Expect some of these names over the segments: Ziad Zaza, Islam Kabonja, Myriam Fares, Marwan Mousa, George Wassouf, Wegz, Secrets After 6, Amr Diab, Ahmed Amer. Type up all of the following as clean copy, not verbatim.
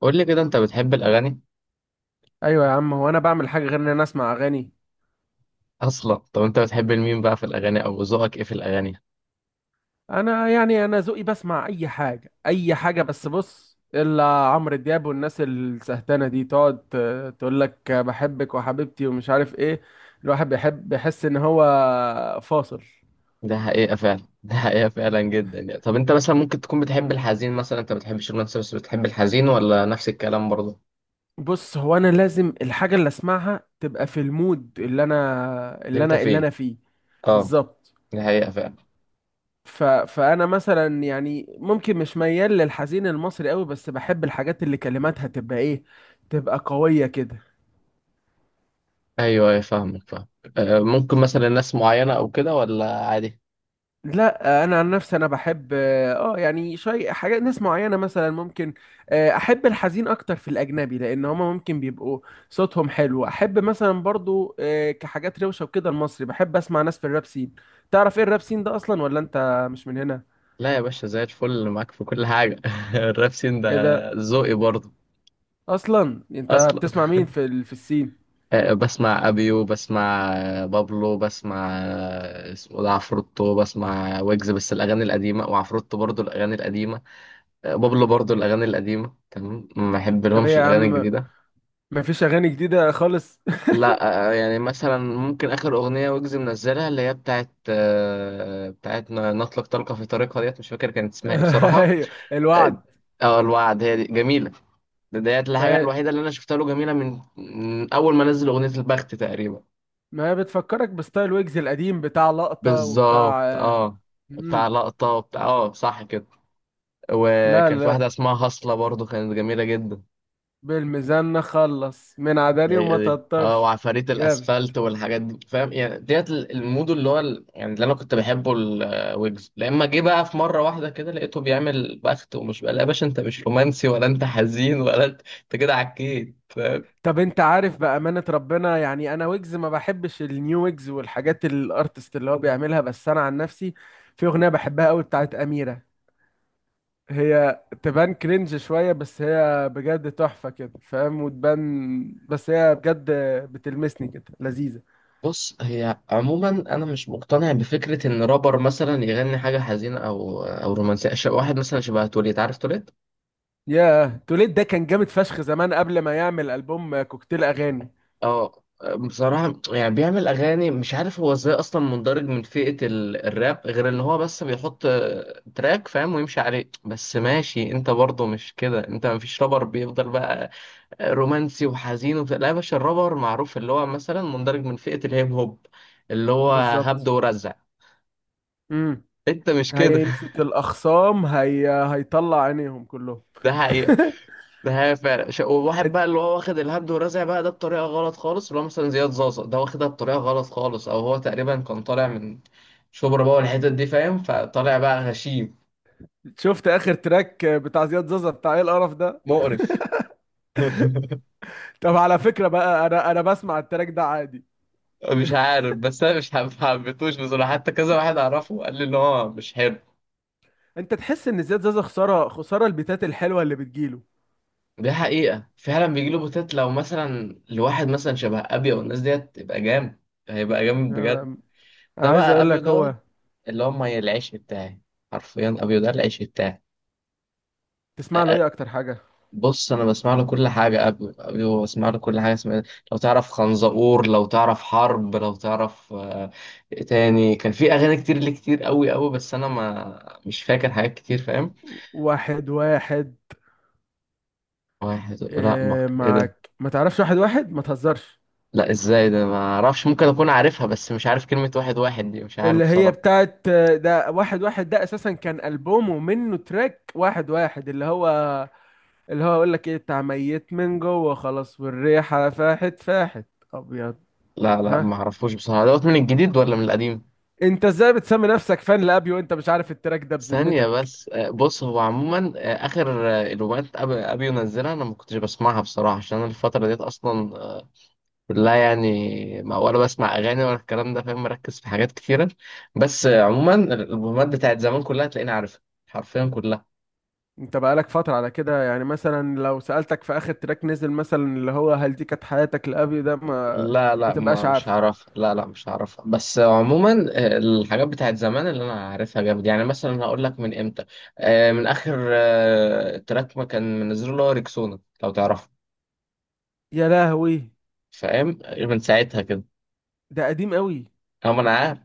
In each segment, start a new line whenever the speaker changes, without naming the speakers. قول لي كده انت بتحب الاغاني.
ايوه يا عم، هو انا بعمل حاجه غير ان انا اسمع اغاني؟
اصلا طب انت بتحب مين بقى في الاغاني او ذوقك ايه في الاغاني؟
انا ذوقي بسمع اي حاجه اي حاجه. بس بص، الا عمرو دياب والناس السهتانه دي تقعد تقول لك بحبك وحبيبتي ومش عارف ايه. الواحد بيحب، بيحس ان هو فاصل.
ده حقيقه فعلا. ده حقيقه فعلا جدا. يعني طب انت مثلا ممكن تكون بتحب الحزين، مثلا انت ما بتحبش الرومانسي بس بتحب الحزين ولا نفس الكلام برضه؟
بص، هو انا لازم الحاجه اللي اسمعها تبقى في المود اللي انا
اللي
اللي
انت
انا اللي
فيه.
انا فيه.
اه.
بالظبط.
ده حقيقه فعلا.
فانا مثلا يعني ممكن مش ميال للحزين المصري قوي، بس بحب الحاجات اللي كلماتها تبقى ايه، تبقى قوية كده.
ايوه ايوه، فاهمك فاهم. آه، ممكن مثلا ناس معينه او كده ولا عادي؟
لا، انا عن نفسي انا بحب، يعني شيء، حاجات ناس معينه مثلا ممكن. احب الحزين اكتر في الاجنبي، لان هما ممكن بيبقوا صوتهم حلو. احب مثلا برضو كحاجات روشه وكده. المصري بحب اسمع ناس في الراب سين. تعرف ايه الراب سين ده اصلا، ولا انت مش من هنا؟
لا يا باشا، زي الفل معاك في كل حاجه. الراب سين ده
ايه ده؟
ذوقي برضه.
اصلا انت
اصلا
بتسمع مين في السين؟
بسمع ابيو، بسمع بابلو، بسمع اسمه ده عفروتو، بسمع ويجز بس الاغاني القديمه، وعفروتو برضو الاغاني القديمه. بابلو برضو الاغاني القديمه. تمام، ما بحب
طب ايه
لهمش
يا
الاغاني
عم،
الجديده.
مفيش اغاني جديده خالص؟
لا. يعني مثلا ممكن اخر اغنيه ويجز منزلها اللي هي بتاعت بتاعت نطلق طلقه في طريقها ديت، مش فاكر كانت اسمها ايه بصراحه.
ايوه،
اه.
الوعد.
الوعد، هي دي جميله. ديت الحاجه
ما
الوحيده اللي انا شفتها له جميله من اول ما نزل اغنيه البخت تقريبا.
ما بتفكرك بستايل ويجز القديم بتاع لقطه وبتاع
بالظبط اه.
مم.
بتاع لقطة وبتاع، اه صح كده.
لا
وكان في
لا،
واحدة اسمها هصلة، برضو كانت جميلة جدا.
بالميزان نخلص من عداني وما
هي دي اه،
تضطرش.
وعفاريت
جامد.
الاسفلت والحاجات دي، فاهم يعني ديت المود اللي هو يعني اللي انا كنت بحبه الويجز. لما جه بقى في مرة واحدة كده لقيته بيعمل بخت ومش بقى. لا يا باشا، انت مش رومانسي ولا انت حزين، ولا انت كده عكيت فاهم.
طب انت عارف بأمانة ربنا، يعني انا ويجز ما بحبش النيو ويجز والحاجات الارتست اللي هو بيعملها، بس انا عن نفسي في اغنية بحبها قوي بتاعت أميرة. هي تبان كرنج شوية، بس هي بجد تحفة كده، فاهم؟ وتبان، بس هي بجد بتلمسني كده، لذيذة.
بص، هي عموما انا مش مقتنع بفكرة ان رابر مثلا يغني حاجة حزينة او رومانسية. واحد مثلا شبه توليت، عارف توليت؟
ياه، توليد ده كان جامد فشخ زمان قبل ما يعمل ألبوم كوكتيل أغاني.
اه، بصراحة يعني بيعمل أغاني مش عارف هو ازاي أصلا مندرج من فئة الراب، غير إن هو بس بيحط تراك فاهم ويمشي عليه. بس ماشي، أنت برضه مش كده. أنت مفيش رابر بيفضل بقى رومانسي وحزين وبتاع. لا يا باشا، الرابر معروف اللي هو مثلا مندرج من فئة الهيب هوب، اللي هو هبد
بالظبط.
ورزع.
امم.
أنت مش كده.
هيمسك الأخصام، هيطلع عينيهم كلهم.
ده حقيقة. ده هي فعلا. وواحد
إت-
بقى اللي هو واخد الهبد ورزع بقى ده بطريقه غلط خالص، اللي هو مثلا زياد زازا ده واخدها بطريقه غلط خالص. او هو تقريبا كان طالع من شبرا بقى والحتت دي، فاهم؟ فطالع بقى غشيم.
شفت آخر تراك بتاع زياد زازا؟ بتاع ايه القرف ده؟
مقرف.
طب على فكرة بقى، أنا بسمع التراك ده عادي.
مش عارف، بس انا مش حبيتهوش بصراحه. حتى كذا واحد اعرفه قال لي ان هو مش حلو.
أنت تحس إن زياد زازا خسارة؟ خسارة البيتات الحلوة اللي بتجيله.
دي حقيقه فعلا، بيجي له بوتات. لو مثلا لواحد مثلا شبه ابيو والناس ديت تبقى جامد، هيبقى جامد بجد. ده
عايز
بقى
اقول
ابيو
لك
دوت،
هو،
اللي هم العيش بتاعي. حرفيا ابيو ده العيش بتاعي.
تسمع له ايه اكتر حاجه؟
بص انا بسمع له كل حاجه. قبل بسمع له كل حاجه اسمها إيه، لو تعرف خنزقور، لو تعرف حرب، لو تعرف إيه تاني. كان في اغاني كتير ليه، كتير قوي قوي، بس انا ما مش فاكر حاجات كتير فاهم.
واحد واحد.
واحد؟ لا ما،
إيه
ايه ده.
معاك، ما تعرفش واحد واحد؟ ما تهزرش.
لا ازاي ده ما اعرفش، ممكن اكون عارفها بس مش عارف كلمه واحد واحد دي، مش عارف
اللي هي
بصراحه.
بتاعت ده. واحد واحد ده اساسا كان البومه منه تراك واحد واحد، اللي هو اقول لك ايه، بتاع ميت من جوه خلاص والريحه فاحت فاحت. ابيض.
لا، لا،
ها؟
ما اعرفوش بصراحه. دوت من الجديد ولا من القديم؟
انت ازاي بتسمي نفسك فان لابيو وانت مش عارف التراك ده
ثانية
بذمتك؟
بس. بص هو عموما آخر الألبومات أبي ينزلها أنا ما كنتش بسمعها بصراحة، عشان أنا الفترة ديت أصلا لا يعني، ما ولا بسمع اغاني ولا الكلام ده، فاهم، مركز في حاجات كتيره. بس عموما الالبومات بتاعت زمان كلها تلاقيني عارفها، حرفيا كلها.
انت بقالك فترة على كده، يعني مثلا لو سألتك في آخر تراك نزل مثلا، اللي هو هل دي كانت حياتك لأبي ده، ما
لا،
ما
لا،
تبقاش
ما مش
عارفه.
هعرفها. لا، لا، مش هعرفها. بس عموما الحاجات بتاعت زمان اللي انا عارفها جامد. يعني مثلا هقول لك من امتى. من اخر تراك ما كان منزله اللي هو ريكسونا، لو تعرفه.
يا لهوي،
فاهم، من ساعتها كده.
ده قديم قوي.
أه، ما انا عارف.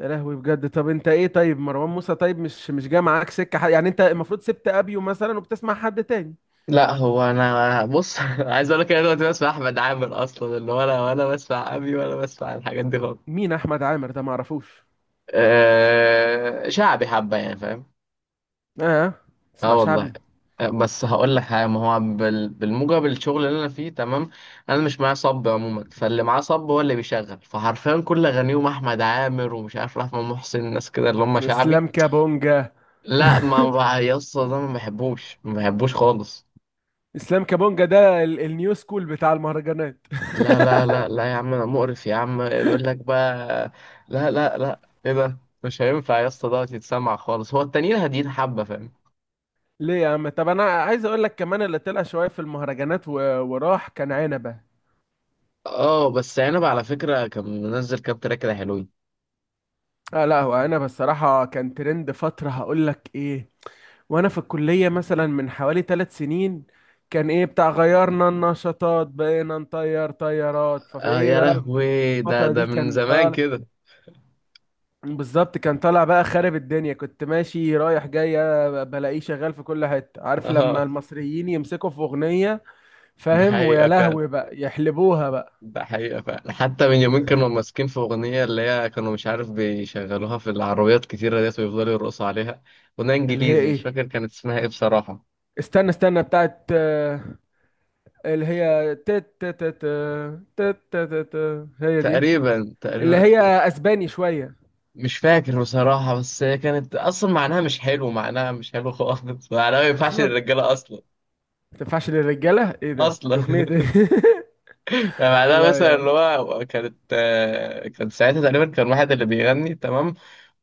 يا لهوي بجد. طب انت ايه طيب، مروان موسى طيب، مش جاي معاك سكة يعني؟ انت المفروض سبت ابيو مثلا وبتسمع حد تاني.
لا هو انا بص، عايز اقول لك انا دلوقتي بسمع احمد عامر اصلا، اللي ولا بسمع ابي ولا بسمع الحاجات دي خالص.
مين احمد عامر ده؟ معرفوش.
أه، شعبي حبه يعني فاهم.
اه،
اه
اسمع
والله.
شعبي.
بس هقول لك حاجه، ما هو بالموجب الشغل اللي انا فيه تمام. انا مش معايا صب عموما، فاللي معاه صب هو اللي بيشغل. فحرفيا كل اغانيهم احمد عامر ومش عارف رحمه محسن، الناس كده اللي هم شعبي.
اسلام كابونجا.
لا، يا اسطى ده ما بحبوش، ما بحبوش خالص.
اسلام كابونجا ده النيو سكول بتاع المهرجانات.
لا، لا، لا، لا يا عم، انا مقرف يا عم يقول لك بقى. لا، لا، لا، ايه ده. مش هينفع يا اسطى دوت يتسمع خالص. هو التانيين هاديين حبه فاهم.
ليه يا عم؟ طب انا عايز اقول لك كمان، اللي طلع شوية في المهرجانات وراح كان عنبة.
اه بس عنب على فكره كان منزل كام تراك كده حلوين.
لا لا، هو انا بصراحة كان ترند فترة، هقول لك ايه. وانا في الكلية مثلا من حوالي 3 سنين، كان ايه بتاع غيرنا النشاطات، بقينا نطير طيارات. ففي
اه
ايه
يا
بقى، في
لهوي، ده
الفترة دي
ده من
كان
زمان
طالع.
كده.
بالظبط، كان طالع بقى خارب الدنيا. كنت ماشي رايح جاي أنا بلاقيه شغال في كل حتة. عارف لما
اه
المصريين يمسكوا في اغنية،
ده
فاهم؟ ويا
حقيقه فعلا.
لهوي بقى يحلبوها بقى.
ده حقيقه فعلا. حتى من يومين كانوا ماسكين في اغنيه، اللي هي كانوا مش عارف بيشغلوها في العربيات كتيره ديت ويفضلوا يرقصوا عليها. اغنيه
اللي هي
انجليزي، مش
ايه؟
فاكر كانت اسمها ايه بصراحه.
استنى استنى، بتاعت اللي هي تت تت تت، تت تت هي دي.
تقريبا،
اللي
تقريبا.
هي اسباني شويه.
مش فاكر بصراحة، بس هي كانت أصلا معناها مش حلو. معناها مش حلو خالص، معناها ما ينفعش
اصلا
للرجالة أصلا.
ما تنفعش للرجاله؟ ايه ده،
أصلا.
دي اغنيه ايه؟
يعني معناها
لا
مثلا
يعني.
اللي هو كانت كان ساعتها تقريبا كان واحد اللي بيغني تمام.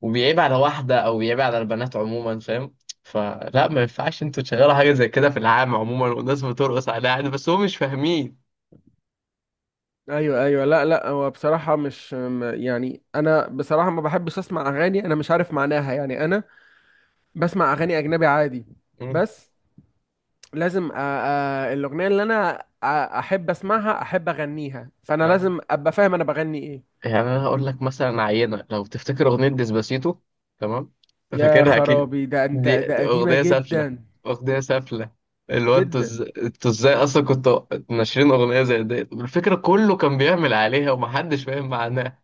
وبيعيب على واحدة أو بيعيب على البنات عموما، فاهم. فلا ما ينفعش انتوا تشغلوا حاجة زي كده في العام عموما، والناس بترقص عليها عادي بس هم مش فاهمين.
ايوه ايوه، لا لا، هو بصراحه مش يعني، انا بصراحه ما بحبش اسمع اغاني انا مش عارف معناها. يعني انا بسمع اغاني اجنبي عادي،
مم.
بس لازم الاغنيه اللي انا احب اسمعها، احب اغنيها، فانا
اه
لازم ابقى فاهم انا بغني ايه.
يعني انا هقول لك مثلا عينه، لو تفتكر اغنيه ديسباسيتو، تمام،
يا
فاكرها اكيد.
خرابي، ده انت
دي,
ده
دي
قديمه
اغنيه سافله،
جدا،
اغنيه سافله. اللي هو
جدا.
انتوا ازاي اصلا كنتوا ناشرين اغنيه زي دي، الفكره كله كان بيعمل عليها ومحدش فاهم معناها.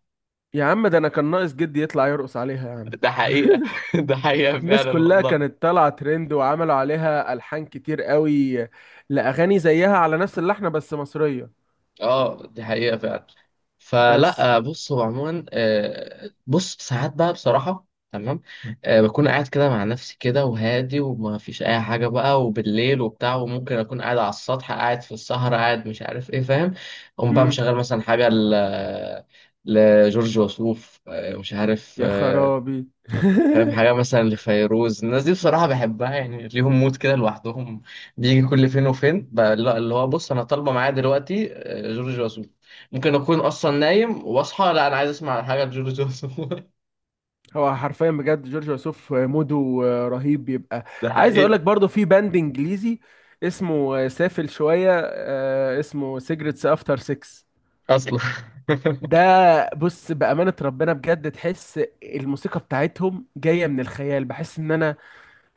يا عم، ده انا كان ناقص جدي يطلع يرقص عليها يا عم.
ده حقيقه. ده حقيقه
الناس
فعلا
كلها
والله.
كانت طالعه ترند وعملوا عليها الحان كتير قوي لاغاني زيها على نفس اللحن، بس مصريه.
اه، دي حقيقة فعلا.
بس.
فلا بص، هو عموما بص ساعات بقى بصراحة، تمام. بكون قاعد كده مع نفسي كده وهادي وما فيش أي حاجة بقى، وبالليل وبتاع، وممكن أكون قاعد على السطح، قاعد في السهرة، قاعد مش عارف إيه، فاهم. أقوم بقى
امم.
مشغل مثلا حاجة لجورج وسوف، مش عارف
يا خرابي.
فاهم، حاجة مثلا لفيروز، الناس دي بصراحة بحبها يعني، ليهم مود كده لوحدهم. بيجي كل فين وفين بقى اللي هو بص، أنا طالبة معايا دلوقتي جورج وسوف. ممكن أكون أصلا نايم وأصحى لا، أنا عايز أسمع حاجة لجورج وسوف.
هو حرفيا بجد جورج وسوف موده رهيب بيبقى.
ده
عايز اقول لك
حقيقة.
برضه، في باند انجليزي اسمه سافل شويه، اسمه سيجرتس افتر 6،
أصلا.
ده. بص، بأمانة ربنا بجد تحس الموسيقى بتاعتهم جاية من الخيال. بحس ان انا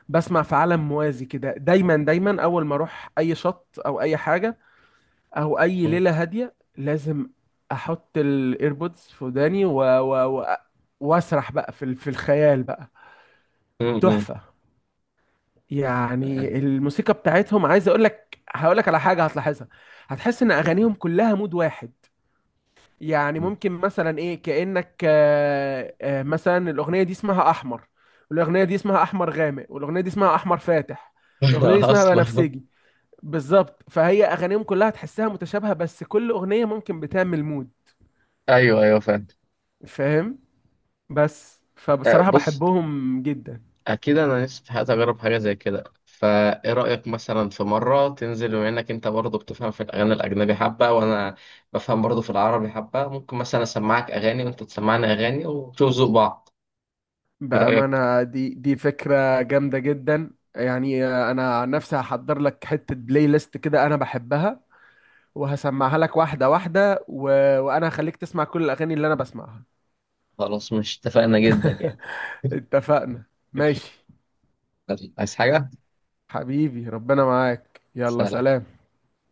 بسمع في عالم موازي كده. دايما دايما اول ما اروح اي شط او اي حاجه او اي
م-
ليله هاديه، لازم احط الايربودز في وداني واسرح بقى في الخيال بقى.
م.
تحفه. يعني الموسيقى بتاعتهم، عايز اقول لك هقول لك على حاجه هتلاحظها. هتحس ان اغانيهم كلها مود واحد. يعني
م.
ممكن مثلا ايه، كانك مثلا الاغنيه دي اسمها احمر، والاغنيه دي اسمها احمر غامق، والاغنيه دي اسمها احمر فاتح، والاغنيه دي اسمها
أصلا.
بنفسجي. بالظبط. فهي اغانيهم كلها تحسها متشابهه، بس كل اغنيه ممكن بتعمل مود،
أيوه، أيوه فاهم.
فاهم؟ بس، فبصراحه
بص
بحبهم جدا.
اكيد انا نفسي في حياتي اجرب حاجه زي كده. فايه رايك مثلا في مره تنزل، بما انك انت برضه بتفهم في الاغاني الاجنبي حبه، وانا بفهم برضه في العربي حبه؟ ممكن مثلا اسمعك اغاني وانت تسمعني اغاني ونشوف ذوق بعض. ايه رايك؟
بامانه، دي فكره جامده جدا. يعني انا عن نفسي هحضر لك حته بلاي ليست كده انا بحبها وهسمعها لك واحده واحده وانا هخليك تسمع كل الاغاني اللي انا بسمعها.
خلاص مش اتفقنا جدا يعني.
اتفقنا. ماشي.
عايز حاجه؟
حبيبي، ربنا معاك، يلا
سلام.
سلام.